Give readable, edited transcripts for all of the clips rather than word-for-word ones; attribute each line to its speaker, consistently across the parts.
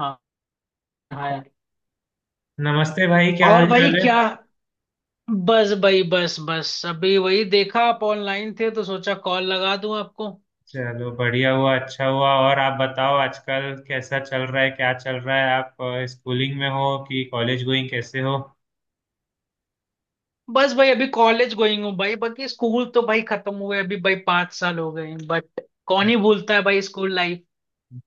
Speaker 1: हाँ हाँ यार।
Speaker 2: नमस्ते भाई, क्या हाल
Speaker 1: और भाई,
Speaker 2: चाल है?
Speaker 1: क्या? बस भाई, बस बस अभी वही देखा, आप ऑनलाइन थे तो सोचा कॉल लगा दूं आपको।
Speaker 2: चलो बढ़िया हुआ, अच्छा हुआ। और आप बताओ, आजकल कैसा चल रहा है, क्या चल रहा है? आप स्कूलिंग में हो कि कॉलेज गोइंग, कैसे हो?
Speaker 1: बस भाई, अभी कॉलेज गोइंग हूँ भाई। बाकी स्कूल तो भाई खत्म हुए, अभी भाई 5 साल हो गए, बट कौन ही भूलता है भाई स्कूल लाइफ।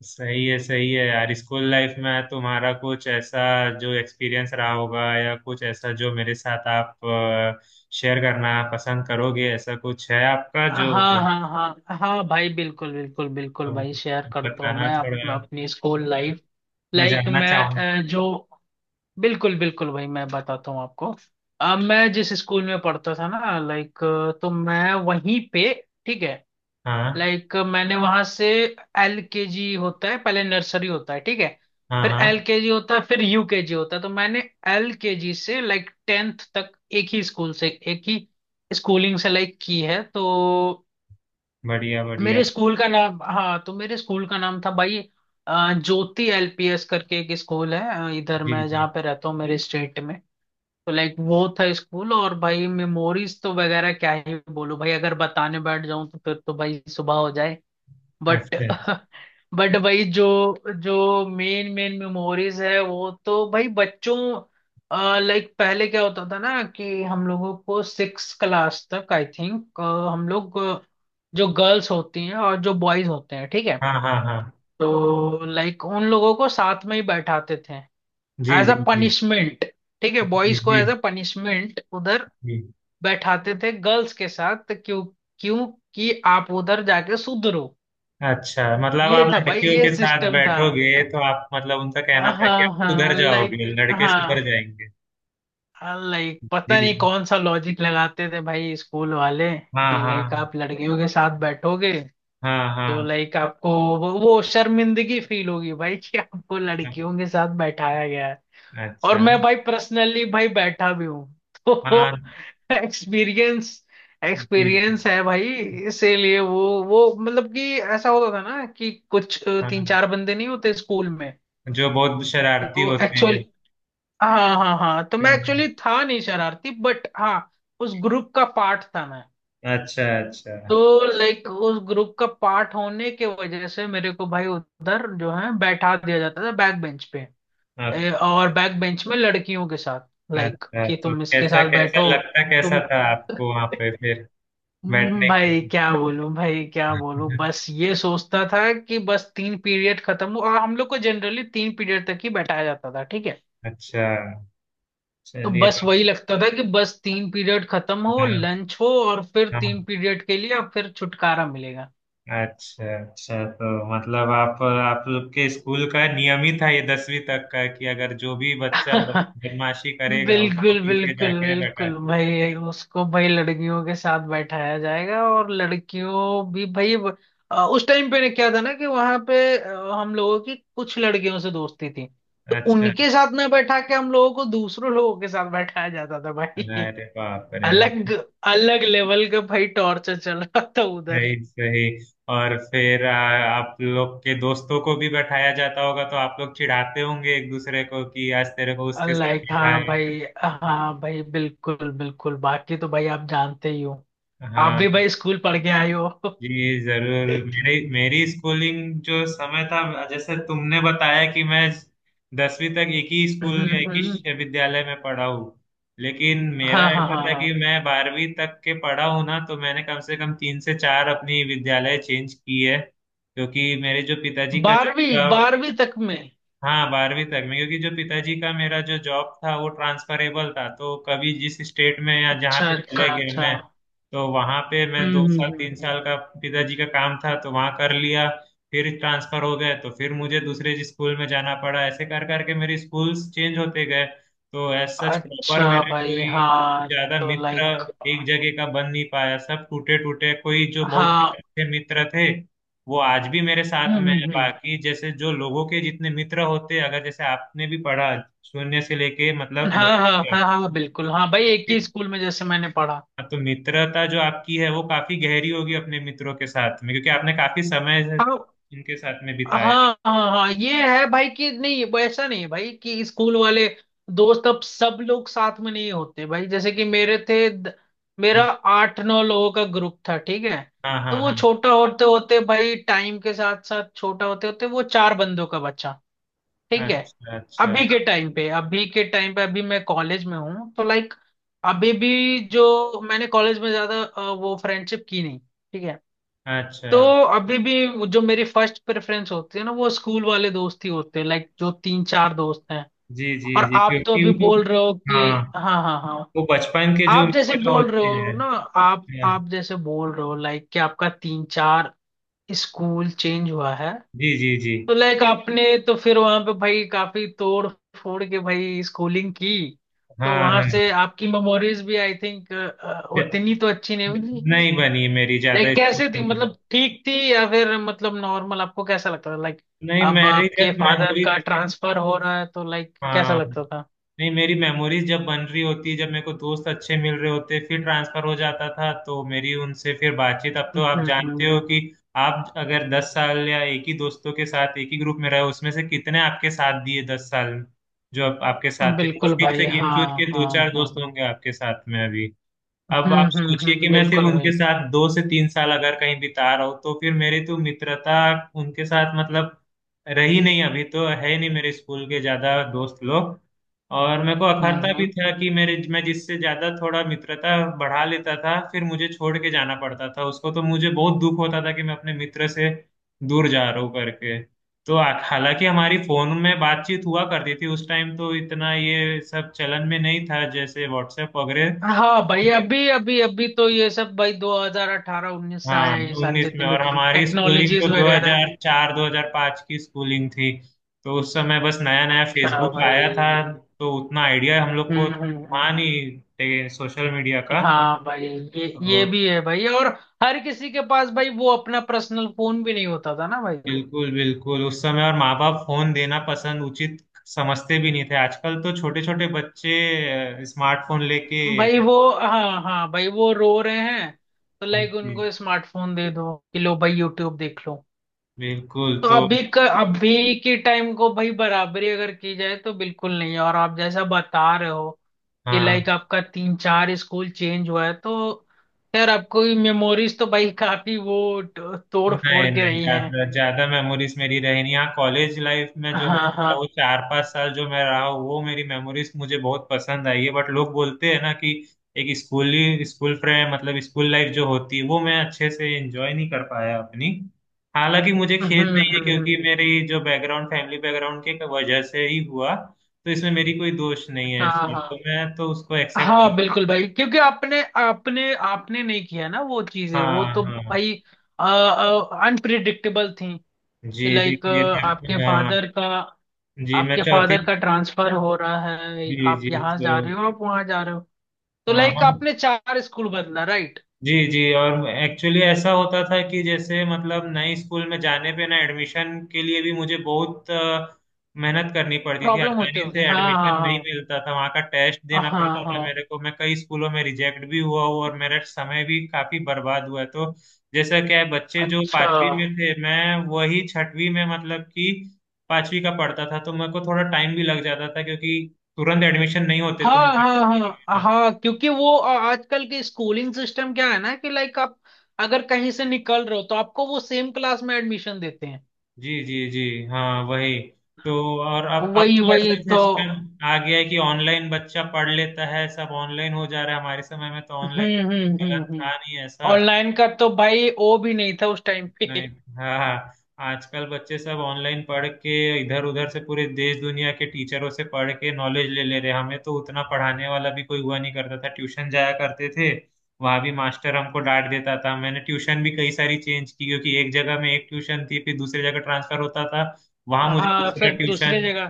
Speaker 2: सही है, सही है यार। स्कूल लाइफ में तुम्हारा कुछ ऐसा जो एक्सपीरियंस रहा होगा, या कुछ ऐसा जो मेरे साथ आप शेयर करना पसंद करोगे, ऐसा कुछ है आपका
Speaker 1: हाँ
Speaker 2: जो
Speaker 1: हाँ हाँ हाँ भाई, बिल्कुल बिल्कुल बिल्कुल
Speaker 2: अ,
Speaker 1: भाई, शेयर करता हूँ
Speaker 2: बताना,
Speaker 1: मैं
Speaker 2: थोड़ा
Speaker 1: अपनी स्कूल लाइफ।
Speaker 2: मैं
Speaker 1: लाइक
Speaker 2: जानना
Speaker 1: मैं
Speaker 2: चाहूँ।
Speaker 1: जो, बिल्कुल बिल्कुल भाई, मैं बताता हूँ आपको। मैं जिस स्कूल में पढ़ता था ना लाइक, तो मैं वहीं पे। ठीक है।
Speaker 2: हाँ,
Speaker 1: लाइक मैंने वहां से, एल के जी होता है पहले, नर्सरी होता है ठीक है,
Speaker 2: हाँ,
Speaker 1: फिर एल
Speaker 2: हाँ।
Speaker 1: के जी होता है, फिर यू के जी होता है, तो मैंने एल के जी से लाइक 10th तक एक ही स्कूल से, एक ही स्कूलिंग से लाइक की है। तो
Speaker 2: बढ़िया, बढ़िया।
Speaker 1: मेरे स्कूल का नाम, हाँ, तो मेरे स्कूल का नाम था भाई ज्योति एलपीएस करके एक स्कूल है इधर,
Speaker 2: जी,
Speaker 1: मैं
Speaker 2: जी।
Speaker 1: जहाँ पे रहता हूँ मेरे स्टेट में। तो लाइक वो था स्कूल। और भाई मेमोरीज तो वगैरह क्या ही बोलूं भाई, अगर बताने बैठ जाऊं तो फिर तो भाई सुबह हो जाए। बट
Speaker 2: अच्छा।
Speaker 1: भाई जो जो मेन मेन मेमोरीज है, वो तो भाई बच्चों, लाइक पहले क्या होता था ना, कि हम लोगों को सिक्स क्लास तक, आई थिंक, हम लोग जो गर्ल्स होती हैं और जो बॉयज होते हैं, ठीक है,
Speaker 2: हाँ, हाँ, हाँ।
Speaker 1: तो लाइक उन लोगों को साथ में ही बैठाते थे
Speaker 2: जी,
Speaker 1: एज
Speaker 2: जी,
Speaker 1: अ
Speaker 2: जी।
Speaker 1: पनिशमेंट। ठीक है,
Speaker 2: जी,
Speaker 1: बॉयज को
Speaker 2: जी,
Speaker 1: एज अ पनिशमेंट उधर
Speaker 2: जी।
Speaker 1: बैठाते थे गर्ल्स के साथ। तो क्यों? क्यों कि आप उधर जाके सुधरो।
Speaker 2: अच्छा, मतलब आप
Speaker 1: ये था भाई,
Speaker 2: लड़कियों
Speaker 1: ये
Speaker 2: के साथ
Speaker 1: सिस्टम था।
Speaker 2: बैठोगे तो आप, मतलब उनका कहना था कि
Speaker 1: हाँ
Speaker 2: आप सुधर
Speaker 1: हाँ,
Speaker 2: जाओगे,
Speaker 1: लाइक
Speaker 2: लड़के सुधर
Speaker 1: हाँ,
Speaker 2: जाएंगे।
Speaker 1: लाइक
Speaker 2: जी,
Speaker 1: पता
Speaker 2: जी।
Speaker 1: नहीं कौन सा लॉजिक लगाते थे भाई स्कूल वाले,
Speaker 2: हाँ,
Speaker 1: कि लाइक
Speaker 2: हाँ,
Speaker 1: आप लड़कियों के साथ बैठोगे
Speaker 2: हाँ।
Speaker 1: तो
Speaker 2: हाँ,
Speaker 1: लाइक आपको वो शर्मिंदगी फील होगी भाई, कि आपको
Speaker 2: हाँ,
Speaker 1: लड़कियों के साथ बैठाया।
Speaker 2: हाँ।
Speaker 1: और
Speaker 2: अच्छा।
Speaker 1: मैं भाई, पर्सनली भाई, बैठा भी हूँ।
Speaker 2: हाँ।
Speaker 1: तो एक्सपीरियंस
Speaker 2: जी, जी,
Speaker 1: एक्सपीरियंस है भाई। इसीलिए वो मतलब, कि ऐसा होता था ना, कि कुछ तीन
Speaker 2: हाँ
Speaker 1: चार बंदे नहीं होते स्कूल में?
Speaker 2: जो बहुत शरारती
Speaker 1: तो
Speaker 2: होते हैं।
Speaker 1: एक्चुअली, हाँ हाँ हाँ, तो मैं
Speaker 2: हाँ,
Speaker 1: एक्चुअली
Speaker 2: हाँ।
Speaker 1: था नहीं शरारती, बट हाँ, उस ग्रुप का पार्ट था मैं।
Speaker 2: अच्छा, अच्छा।
Speaker 1: तो लाइक उस ग्रुप का पार्ट होने के वजह से मेरे को भाई उधर जो है बैठा दिया जाता था बैक बेंच पे।
Speaker 2: आप-
Speaker 1: और बैक बेंच में लड़कियों के साथ, लाइक
Speaker 2: अच्छा,
Speaker 1: कि
Speaker 2: तो
Speaker 1: तुम इसके
Speaker 2: कैसा
Speaker 1: साथ
Speaker 2: कैसा
Speaker 1: बैठो।
Speaker 2: लगता
Speaker 1: तुम
Speaker 2: कैसा था आपको वहां पे फिर बैठने के
Speaker 1: भाई क्या बोलूं भाई क्या बोलूं,
Speaker 2: लिए।
Speaker 1: बस ये सोचता था कि बस तीन पीरियड खत्म हो। और हम लोग को जनरली तीन पीरियड तक ही बैठाया जाता था, ठीक है।
Speaker 2: अच्छा।
Speaker 1: तो
Speaker 2: चलिए।
Speaker 1: बस वही लगता था कि बस तीन पीरियड खत्म हो,
Speaker 2: हाँ,
Speaker 1: लंच हो, और फिर तीन
Speaker 2: हाँ।
Speaker 1: पीरियड के लिए, और फिर छुटकारा
Speaker 2: अच्छा, अच्छा, तो मतलब आप लोग के स्कूल का नियम ही था ये दसवीं तक का कि अगर जो भी बच्चा
Speaker 1: मिलेगा।
Speaker 2: बदमाशी करेगा उसको
Speaker 1: बिल्कुल
Speaker 2: पीछे
Speaker 1: बिल्कुल
Speaker 2: जाके रखा।
Speaker 1: बिल्कुल भाई, उसको भाई लड़कियों के साथ बैठाया जाएगा। और लड़कियों भी भाई उस टाइम पे ने क्या था ना, कि वहां पे हम लोगों की कुछ लड़कियों से दोस्ती थी, तो
Speaker 2: अच्छा।
Speaker 1: उनके साथ ना बैठा के हम लोगों को दूसरों लोगों के साथ बैठाया जाता था भाई।
Speaker 2: अरे बाप रे,
Speaker 1: अलग
Speaker 2: मतलब।
Speaker 1: अलग लेवल का भाई टॉर्चर चल रहा था उधर।
Speaker 2: सही, सही। और फिर आप लोग के दोस्तों को भी बैठाया जाता होगा तो आप लोग चिढ़ाते होंगे एक दूसरे को कि आज तेरे को उसके साथ
Speaker 1: लाइक हाँ
Speaker 2: बैठाया।
Speaker 1: भाई, हाँ भाई, बिल्कुल बिल्कुल। बाकी तो भाई आप जानते ही हो, आप
Speaker 2: हाँ।
Speaker 1: भी भाई स्कूल पढ़ के आए हो।
Speaker 2: जी जरूर, मेरी मेरी स्कूलिंग जो समय था, जैसे तुमने बताया कि मैं दसवीं तक एक ही स्कूल या एक ही विद्यालय में पढ़ा हूँ। लेकिन मेरा
Speaker 1: हाँ हाँ
Speaker 2: ऐसा
Speaker 1: हाँ
Speaker 2: था कि
Speaker 1: हाँ,
Speaker 2: मैं बारहवीं तक के पढ़ा हूँ ना, तो मैंने कम से कम तीन से चार अपनी विद्यालय चेंज की है क्योंकि मेरे जो पिताजी का जॉब था।
Speaker 1: बारहवीं बारहवीं तक में।
Speaker 2: हाँ बारहवीं तक में, क्योंकि जो पिताजी का मेरा जो जॉब था वो ट्रांसफरेबल था, तो कभी जिस स्टेट में या जहाँ
Speaker 1: अच्छा
Speaker 2: पे
Speaker 1: अच्छा
Speaker 2: चले गए
Speaker 1: अच्छा।
Speaker 2: मैं, तो वहाँ पे मैं दो
Speaker 1: हम्म हम्म
Speaker 2: साल
Speaker 1: हम्म
Speaker 2: तीन
Speaker 1: हम्म।
Speaker 2: साल का पिताजी का काम था तो वहाँ कर लिया। फिर ट्रांसफर हो गए तो फिर मुझे दूसरे स्कूल में जाना पड़ा। ऐसे कर करके मेरे स्कूल्स चेंज होते गए, तो एज सच प्रॉपर
Speaker 1: अच्छा
Speaker 2: मेरे
Speaker 1: भाई
Speaker 2: कोई
Speaker 1: हाँ।
Speaker 2: ज्यादा
Speaker 1: तो
Speaker 2: मित्र
Speaker 1: लाइक
Speaker 2: एक जगह का बन नहीं पाया, सब टूटे टूटे, कोई जो बहुत
Speaker 1: हाँ।
Speaker 2: अच्छे मित्र थे वो आज भी मेरे साथ
Speaker 1: हम्म
Speaker 2: में है।
Speaker 1: हम्म हम्म।
Speaker 2: बाकी जैसे जो लोगों के जितने मित्र होते हैं, अगर जैसे आपने भी पढ़ा शून्य से लेके मतलब
Speaker 1: हाँ हाँ
Speaker 2: दसवीं
Speaker 1: हाँ हाँ बिल्कुल, हाँ भाई, एक ही
Speaker 2: तक,
Speaker 1: स्कूल में जैसे मैंने पढ़ा।
Speaker 2: हाँ, तो मित्रता जो आपकी है वो काफी गहरी होगी अपने मित्रों के साथ में, क्योंकि आपने काफी समय से
Speaker 1: हाँ
Speaker 2: इनके साथ में बिताया
Speaker 1: हाँ हाँ हाँ, ये है भाई कि, नहीं वो ऐसा नहीं है भाई कि स्कूल वाले दोस्त अब सब लोग साथ में नहीं होते भाई। जैसे कि मेरे थे
Speaker 2: है।
Speaker 1: मेरा 8-9 लोगों का ग्रुप था, ठीक है।
Speaker 2: हाँ,
Speaker 1: तो
Speaker 2: हाँ,
Speaker 1: वो
Speaker 2: हाँ।
Speaker 1: छोटा होते होते भाई, टाइम के साथ साथ छोटा होते होते, वो चार बंदों का बच्चा, ठीक है।
Speaker 2: अच्छा, अच्छा,
Speaker 1: अभी के टाइम पे अभी मैं कॉलेज में हूँ, तो लाइक अभी भी जो मैंने कॉलेज में ज्यादा वो फ्रेंडशिप की नहीं, ठीक है।
Speaker 2: अच्छा।
Speaker 1: तो अभी भी जो मेरी फर्स्ट प्रेफरेंस होती है ना, वो स्कूल वाले दोस्त ही होते हैं, लाइक जो तीन चार दोस्त हैं।
Speaker 2: जी, जी,
Speaker 1: और
Speaker 2: जी,
Speaker 1: आप तो अभी
Speaker 2: क्योंकि वो,
Speaker 1: बोल रहे हो
Speaker 2: हाँ,
Speaker 1: कि, हाँ हाँ हाँ,
Speaker 2: वो बचपन के जो
Speaker 1: आप जैसे
Speaker 2: मित्र
Speaker 1: बोल रहे
Speaker 2: होते
Speaker 1: हो
Speaker 2: हैं,
Speaker 1: ना,
Speaker 2: हाँ,
Speaker 1: आप जैसे बोल रहे हो लाइक कि आपका तीन चार स्कूल चेंज हुआ है।
Speaker 2: जी, जी, जी।
Speaker 1: तो लाइक आपने तो फिर वहां पे भाई काफी तोड़ फोड़ के भाई स्कूलिंग की। तो
Speaker 2: हाँ,
Speaker 1: वहां
Speaker 2: हाँ।
Speaker 1: से आपकी मेमोरीज भी, आई थिंक,
Speaker 2: ज-
Speaker 1: उतनी तो अच्छी नहीं हुई।
Speaker 2: नहीं बनी मेरी ज्यादा
Speaker 1: लाइक कैसे थी,
Speaker 2: स्कूल में।
Speaker 1: मतलब ठीक थी, या फिर मतलब नॉर्मल आपको कैसा लगता था? लाइक
Speaker 2: नहीं,
Speaker 1: अब
Speaker 2: मेरी
Speaker 1: आपके
Speaker 2: जब
Speaker 1: फादर
Speaker 2: मेमोरीज,
Speaker 1: का ट्रांसफर हो रहा है तो लाइक कैसा
Speaker 2: हाँ,
Speaker 1: लगता था?
Speaker 2: नहीं मेरी मेमोरीज जब बन रही होती जब मेरे को दोस्त अच्छे मिल रहे होते फिर ट्रांसफर हो जाता था, तो मेरी उनसे फिर बातचीत, अब तो आप
Speaker 1: हम्म
Speaker 2: जानते
Speaker 1: हम्म,
Speaker 2: हो कि आप अगर 10 साल या एक ही दोस्तों के साथ एक ही ग्रुप में रहे, उसमें से कितने आपके साथ दिए 10 साल में जो अब आपके साथ थे?
Speaker 1: बिल्कुल
Speaker 2: मुश्किल से
Speaker 1: भाई।
Speaker 2: गिन
Speaker 1: हाँ
Speaker 2: चुन के दो
Speaker 1: हाँ
Speaker 2: चार दोस्त
Speaker 1: हाँ।
Speaker 2: होंगे आपके साथ में अभी। अब आप सोचिए कि मैं सिर्फ
Speaker 1: बिल्कुल
Speaker 2: उनके
Speaker 1: भाई।
Speaker 2: साथ 2 से 3 साल अगर कहीं बिता रहा हूँ तो फिर मेरी तो मित्रता उनके साथ, मतलब रही नहीं, अभी तो है ही नहीं मेरे स्कूल के ज्यादा दोस्त लोग। और मेरे को अखरता भी
Speaker 1: हम्म।
Speaker 2: था कि मेरे मैं जिससे ज्यादा थोड़ा मित्रता बढ़ा लेता था फिर मुझे छोड़ के जाना पड़ता था उसको, तो मुझे बहुत दुख होता था कि मैं अपने मित्र से दूर जा रहा हूँ करके। तो हालांकि हमारी फोन में बातचीत हुआ करती थी उस टाइम, तो इतना ये सब चलन में नहीं था जैसे व्हाट्सएप वगैरह।
Speaker 1: हाँ भाई, अभी अभी अभी तो ये सब भाई 2018-19 से आया
Speaker 2: हाँ,
Speaker 1: है, ये सारी
Speaker 2: 19 में,
Speaker 1: जितने भी
Speaker 2: और हमारी स्कूलिंग तो
Speaker 1: टेक्नोलॉजीज वगैरह।
Speaker 2: 2004 2005 की स्कूलिंग थी, तो उस समय बस नया नया
Speaker 1: अच्छा
Speaker 2: फेसबुक आया था,
Speaker 1: भाई।
Speaker 2: तो उतना आइडिया हम लोग को
Speaker 1: हम्म।
Speaker 2: था नहीं सोशल मीडिया का।
Speaker 1: हाँ भाई, ये
Speaker 2: तो
Speaker 1: ये भी है भाई, और हर किसी के पास भाई वो अपना पर्सनल फोन भी नहीं होता था ना भाई।
Speaker 2: बिल्कुल, बिल्कुल उस समय, और माँ बाप फोन देना पसंद उचित समझते भी नहीं थे। आजकल तो छोटे छोटे बच्चे स्मार्टफोन लेके,
Speaker 1: भाई वो, हाँ हाँ भाई, वो रो रहे हैं, तो लाइक
Speaker 2: जी,
Speaker 1: उनको स्मार्टफोन दे दो कि लो भाई यूट्यूब देख लो।
Speaker 2: बिल्कुल।
Speaker 1: तो
Speaker 2: तो
Speaker 1: अभी अभी के टाइम को भाई बराबरी अगर की जाए तो बिल्कुल नहीं है। और आप जैसा बता रहे हो कि लाइक
Speaker 2: हाँ,
Speaker 1: आपका तीन चार स्कूल चेंज हुआ है, तो यार आपको मेमोरीज तो भाई काफी वो तोड़ फोड़
Speaker 2: नहीं,
Speaker 1: के
Speaker 2: नहीं,
Speaker 1: रही हैं।
Speaker 2: ज्यादा ज्यादा मेमोरीज मेरी रही नहीं। हाँ, कॉलेज लाइफ में जो
Speaker 1: हाँ
Speaker 2: मैं
Speaker 1: हाँ।
Speaker 2: वो चार पांच साल जो मैं रहा हूँ, वो मेरी मेमोरीज मुझे बहुत पसंद आई है, बट लोग बोलते हैं ना कि एक स्कूल फ्रेंड, मतलब स्कूल लाइफ जो होती है, वो मैं अच्छे से एंजॉय नहीं कर पाया अपनी। हालांकि मुझे खेद नहीं है, क्योंकि
Speaker 1: हम्म।
Speaker 2: मेरी जो बैकग्राउंड फैमिली बैकग्राउंड के वजह से ही हुआ, तो इसमें मेरी कोई दोष नहीं है
Speaker 1: हाँ
Speaker 2: सर, तो
Speaker 1: हाँ
Speaker 2: मैं तो उसको एक्सेप्ट।
Speaker 1: हाँ बिल्कुल भाई, क्योंकि आपने आपने आपने नहीं किया ना वो चीजें। वो
Speaker 2: हाँ,
Speaker 1: तो
Speaker 2: हाँ।
Speaker 1: भाई अनप्रिडिक्टेबल थी, कि
Speaker 2: जी
Speaker 1: लाइक
Speaker 2: देखिए,
Speaker 1: आपके
Speaker 2: मैं, हाँ,
Speaker 1: फादर का
Speaker 2: जी मैं
Speaker 1: आपके
Speaker 2: चौथी,
Speaker 1: फादर का ट्रांसफर हो रहा है,
Speaker 2: जी, जी,
Speaker 1: आप यहाँ जा
Speaker 2: तो
Speaker 1: रहे हो, आप वहां जा रहे हो। तो
Speaker 2: हाँ,
Speaker 1: लाइक
Speaker 2: हम,
Speaker 1: आपने चार स्कूल बदला, राइट?
Speaker 2: जी, जी। और एक्चुअली ऐसा होता था कि जैसे मतलब नए स्कूल में जाने पे ना, एडमिशन के लिए भी मुझे बहुत मेहनत करनी पड़ती थी।
Speaker 1: प्रॉब्लम होते
Speaker 2: आसानी
Speaker 1: होंगे,
Speaker 2: से
Speaker 1: हाँ
Speaker 2: एडमिशन नहीं
Speaker 1: हाँ।
Speaker 2: मिलता था, वहाँ का टेस्ट
Speaker 1: हाँ
Speaker 2: देना
Speaker 1: हाँ हाँ
Speaker 2: पड़ता था मेरे
Speaker 1: हाँ।
Speaker 2: को। मैं कई स्कूलों में रिजेक्ट भी हुआ हूँ, और मेरा समय भी काफी बर्बाद हुआ है, तो जैसा क्या है, बच्चे जो
Speaker 1: अच्छा।
Speaker 2: पांचवी में थे मैं वही छठवीं में, मतलब कि पांचवी का पढ़ता था, तो मेरे को थोड़ा टाइम भी लग जाता था क्योंकि तुरंत एडमिशन नहीं होते, तुम,
Speaker 1: हाँ हाँ हाँ हाँ, क्योंकि वो आजकल के स्कूलिंग सिस्टम क्या है ना, कि लाइक आप अगर कहीं से निकल रहे हो तो आपको वो सेम क्लास में एडमिशन देते हैं।
Speaker 2: जी, जी, जी। हाँ, वही तो। और अब
Speaker 1: वही
Speaker 2: तो
Speaker 1: वही
Speaker 2: ऐसा
Speaker 1: तो।
Speaker 2: सिस्टम आ गया है कि ऑनलाइन बच्चा पढ़ लेता है, सब ऑनलाइन हो जा रहा है। हमारे समय में तो ऑनलाइन गलत
Speaker 1: हम्म।
Speaker 2: था नहीं, ऐसा
Speaker 1: ऑनलाइन का तो भाई ओ भी नहीं था उस टाइम पे।
Speaker 2: नहीं। हाँ, हाँ। आजकल बच्चे सब ऑनलाइन पढ़ के, इधर उधर से पूरे देश दुनिया के टीचरों से पढ़ के नॉलेज ले ले रहे हैं। हमें तो उतना पढ़ाने वाला भी कोई हुआ नहीं करता था, ट्यूशन जाया करते थे, वहां भी मास्टर हमको डांट देता था। मैंने ट्यूशन भी कई सारी चेंज की, क्योंकि एक जगह में एक ट्यूशन थी फिर दूसरी जगह ट्रांसफर होता था, वहां मुझे
Speaker 1: हाँ,
Speaker 2: दूसरा
Speaker 1: फिर दूसरे
Speaker 2: ट्यूशन
Speaker 1: जगह,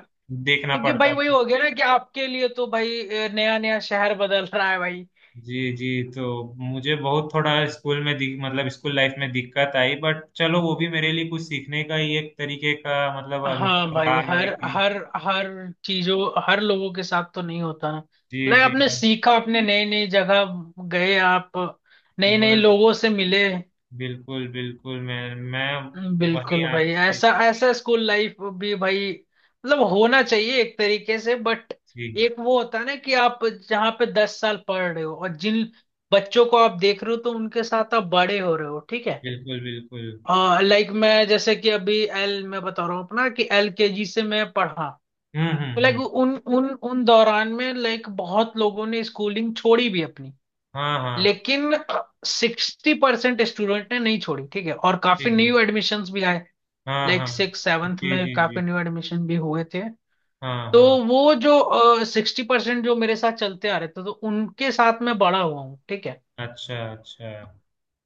Speaker 2: देखना
Speaker 1: क्योंकि भाई
Speaker 2: पड़ता
Speaker 1: वही
Speaker 2: था।
Speaker 1: हो गया ना कि आपके लिए तो भाई नया नया शहर बदल रहा है भाई।
Speaker 2: जी, जी, तो मुझे बहुत थोड़ा स्कूल में मतलब स्कूल लाइफ में दिक्कत आई, बट चलो वो भी मेरे लिए कुछ सीखने का ही एक तरीके का, मतलब
Speaker 1: हाँ
Speaker 2: अनुभव
Speaker 1: भाई,
Speaker 2: रहा है
Speaker 1: हर
Speaker 2: कि
Speaker 1: हर हर चीजों, हर लोगों के साथ तो नहीं होता ना।
Speaker 2: जी,
Speaker 1: लाइक
Speaker 2: जी,
Speaker 1: आपने सीखा, आपने नई नई जगह गए, आप नए नए
Speaker 2: बस।
Speaker 1: लोगों से मिले।
Speaker 2: बिल्कुल, बिल्कुल। मैं वही
Speaker 1: बिल्कुल भाई,
Speaker 2: आपसे,
Speaker 1: ऐसा ऐसा स्कूल लाइफ भी भाई मतलब होना चाहिए एक तरीके से। बट
Speaker 2: जी,
Speaker 1: एक वो होता है ना कि आप जहाँ पे 10 साल पढ़ रहे हो और जिन बच्चों को आप देख रहे हो, तो उनके साथ आप बड़े हो रहे हो, ठीक है।
Speaker 2: बिल्कुल, बिल्कुल।
Speaker 1: लाइक मैं जैसे कि अभी एल मैं बता रहा हूँ अपना कि एल के जी से मैं पढ़ा,
Speaker 2: हम्म, हम्म,
Speaker 1: लाइक
Speaker 2: हम्म।
Speaker 1: उन उन उन दौरान में लाइक बहुत लोगों ने स्कूलिंग छोड़ी भी अपनी।
Speaker 2: हाँ, हाँ।
Speaker 1: लेकिन 60% स्टूडेंट ने नहीं छोड़ी, ठीक है, और
Speaker 2: जी,
Speaker 1: काफी
Speaker 2: जी।
Speaker 1: न्यू एडमिशन्स भी आए,
Speaker 2: हाँ,
Speaker 1: लाइक
Speaker 2: हाँ।
Speaker 1: सिक्स सेवन्थ
Speaker 2: जी,
Speaker 1: में
Speaker 2: जी,
Speaker 1: काफी
Speaker 2: जी।
Speaker 1: न्यू एडमिशन भी हुए थे।
Speaker 2: हाँ,
Speaker 1: तो
Speaker 2: हाँ।
Speaker 1: वो जो सिक्सटी परसेंट जो मेरे साथ चलते आ रहे थे, तो उनके साथ मैं बड़ा हुआ हूँ, ठीक है।
Speaker 2: अच्छा, अच्छा।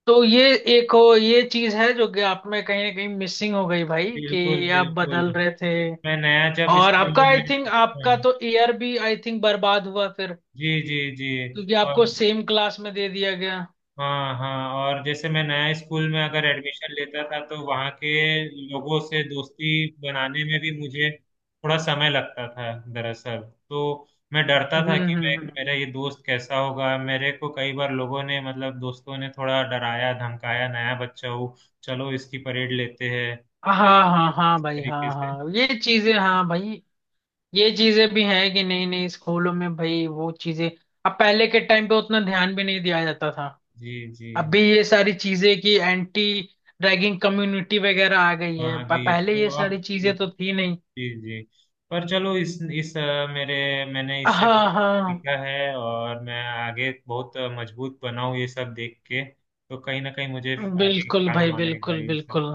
Speaker 1: तो ये एक हो ये चीज है जो कि आप में कहीं ना कहीं मिसिंग हो गई भाई,
Speaker 2: बिल्कुल,
Speaker 1: कि आप
Speaker 2: बिल्कुल।
Speaker 1: बदल रहे थे।
Speaker 2: मैं नया जब
Speaker 1: और आपका,
Speaker 2: स्कूल
Speaker 1: आई
Speaker 2: में,
Speaker 1: थिंक, आपका
Speaker 2: हाँ,
Speaker 1: तो ईयर भी आई थिंक बर्बाद हुआ फिर,
Speaker 2: जी, जी, जी।
Speaker 1: क्योंकि
Speaker 2: और
Speaker 1: आपको सेम क्लास में दे दिया गया।
Speaker 2: हाँ, हाँ, और जैसे मैं नया स्कूल में अगर एडमिशन लेता था, तो वहाँ के लोगों से दोस्ती बनाने में भी मुझे थोड़ा समय लगता था दरअसल, तो मैं डरता
Speaker 1: हम्म
Speaker 2: था कि
Speaker 1: हम्म
Speaker 2: मैं
Speaker 1: हम्म।
Speaker 2: मेरा ये दोस्त कैसा होगा। मेरे को कई बार लोगों ने मतलब दोस्तों ने थोड़ा डराया धमकाया, नया बच्चा हो चलो इसकी परेड लेते हैं,
Speaker 1: हाँ हाँ हाँ
Speaker 2: इस
Speaker 1: भाई,
Speaker 2: तरीके
Speaker 1: हाँ
Speaker 2: से।
Speaker 1: हाँ, ये चीजें हाँ भाई, ये चीजें भी हैं कि नहीं नहीं स्कूलों में भाई वो चीजें, अब पहले के टाइम पे उतना ध्यान भी नहीं दिया जाता था।
Speaker 2: जी, जी।
Speaker 1: अभी ये सारी चीजें कि एंटी रैगिंग कम्युनिटी वगैरह आ गई है,
Speaker 2: हाँ, ये
Speaker 1: पहले ये
Speaker 2: तो अब।
Speaker 1: सारी चीजें तो
Speaker 2: जी,
Speaker 1: थी नहीं।
Speaker 2: जी, पर चलो इस अ, मेरे मैंने इससे बहुत
Speaker 1: हाँ हाँ,
Speaker 2: सीखा है और मैं आगे बहुत मजबूत बना हूँ ये सब देख के तो कहीं ना कहीं मुझे आगे
Speaker 1: बिल्कुल भाई
Speaker 2: काम आएगा
Speaker 1: बिल्कुल
Speaker 2: ये सब।
Speaker 1: बिल्कुल।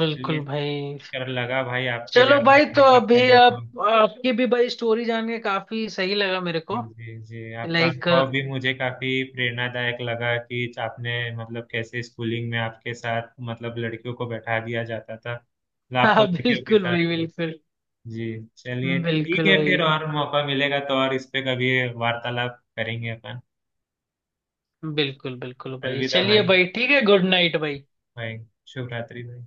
Speaker 2: चलिए,
Speaker 1: बिल्कुल भाई,
Speaker 2: कर लगा भाई आपकी
Speaker 1: चलो
Speaker 2: जान।
Speaker 1: भाई, तो
Speaker 2: आपका
Speaker 1: अभी आप,
Speaker 2: अनुभव।
Speaker 1: आपकी भी भाई स्टोरी जान के काफी सही लगा मेरे
Speaker 2: जी,
Speaker 1: को।
Speaker 2: जी, जी। आपका
Speaker 1: लाइक
Speaker 2: अनुभव भी मुझे काफी प्रेरणादायक लगा कि आपने मतलब कैसे स्कूलिंग में आपके साथ मतलब लड़कियों को बैठा दिया जाता था, मतलब आपको
Speaker 1: हाँ
Speaker 2: लड़कियों के
Speaker 1: बिल्कुल
Speaker 2: साथ।
Speaker 1: भाई, बिल्कुल
Speaker 2: जी, चलिए ठीक
Speaker 1: बिल्कुल
Speaker 2: है
Speaker 1: भाई,
Speaker 2: फिर। और मौका मिलेगा तो और इस पे कभी वार्तालाप करेंगे अपन।
Speaker 1: बिल्कुल बिल्कुल भाई,
Speaker 2: अलविदा
Speaker 1: चलिए
Speaker 2: भाई।
Speaker 1: भाई, ठीक है, गुड नाइट भाई।
Speaker 2: भाई, शुभ रात्रि भाई।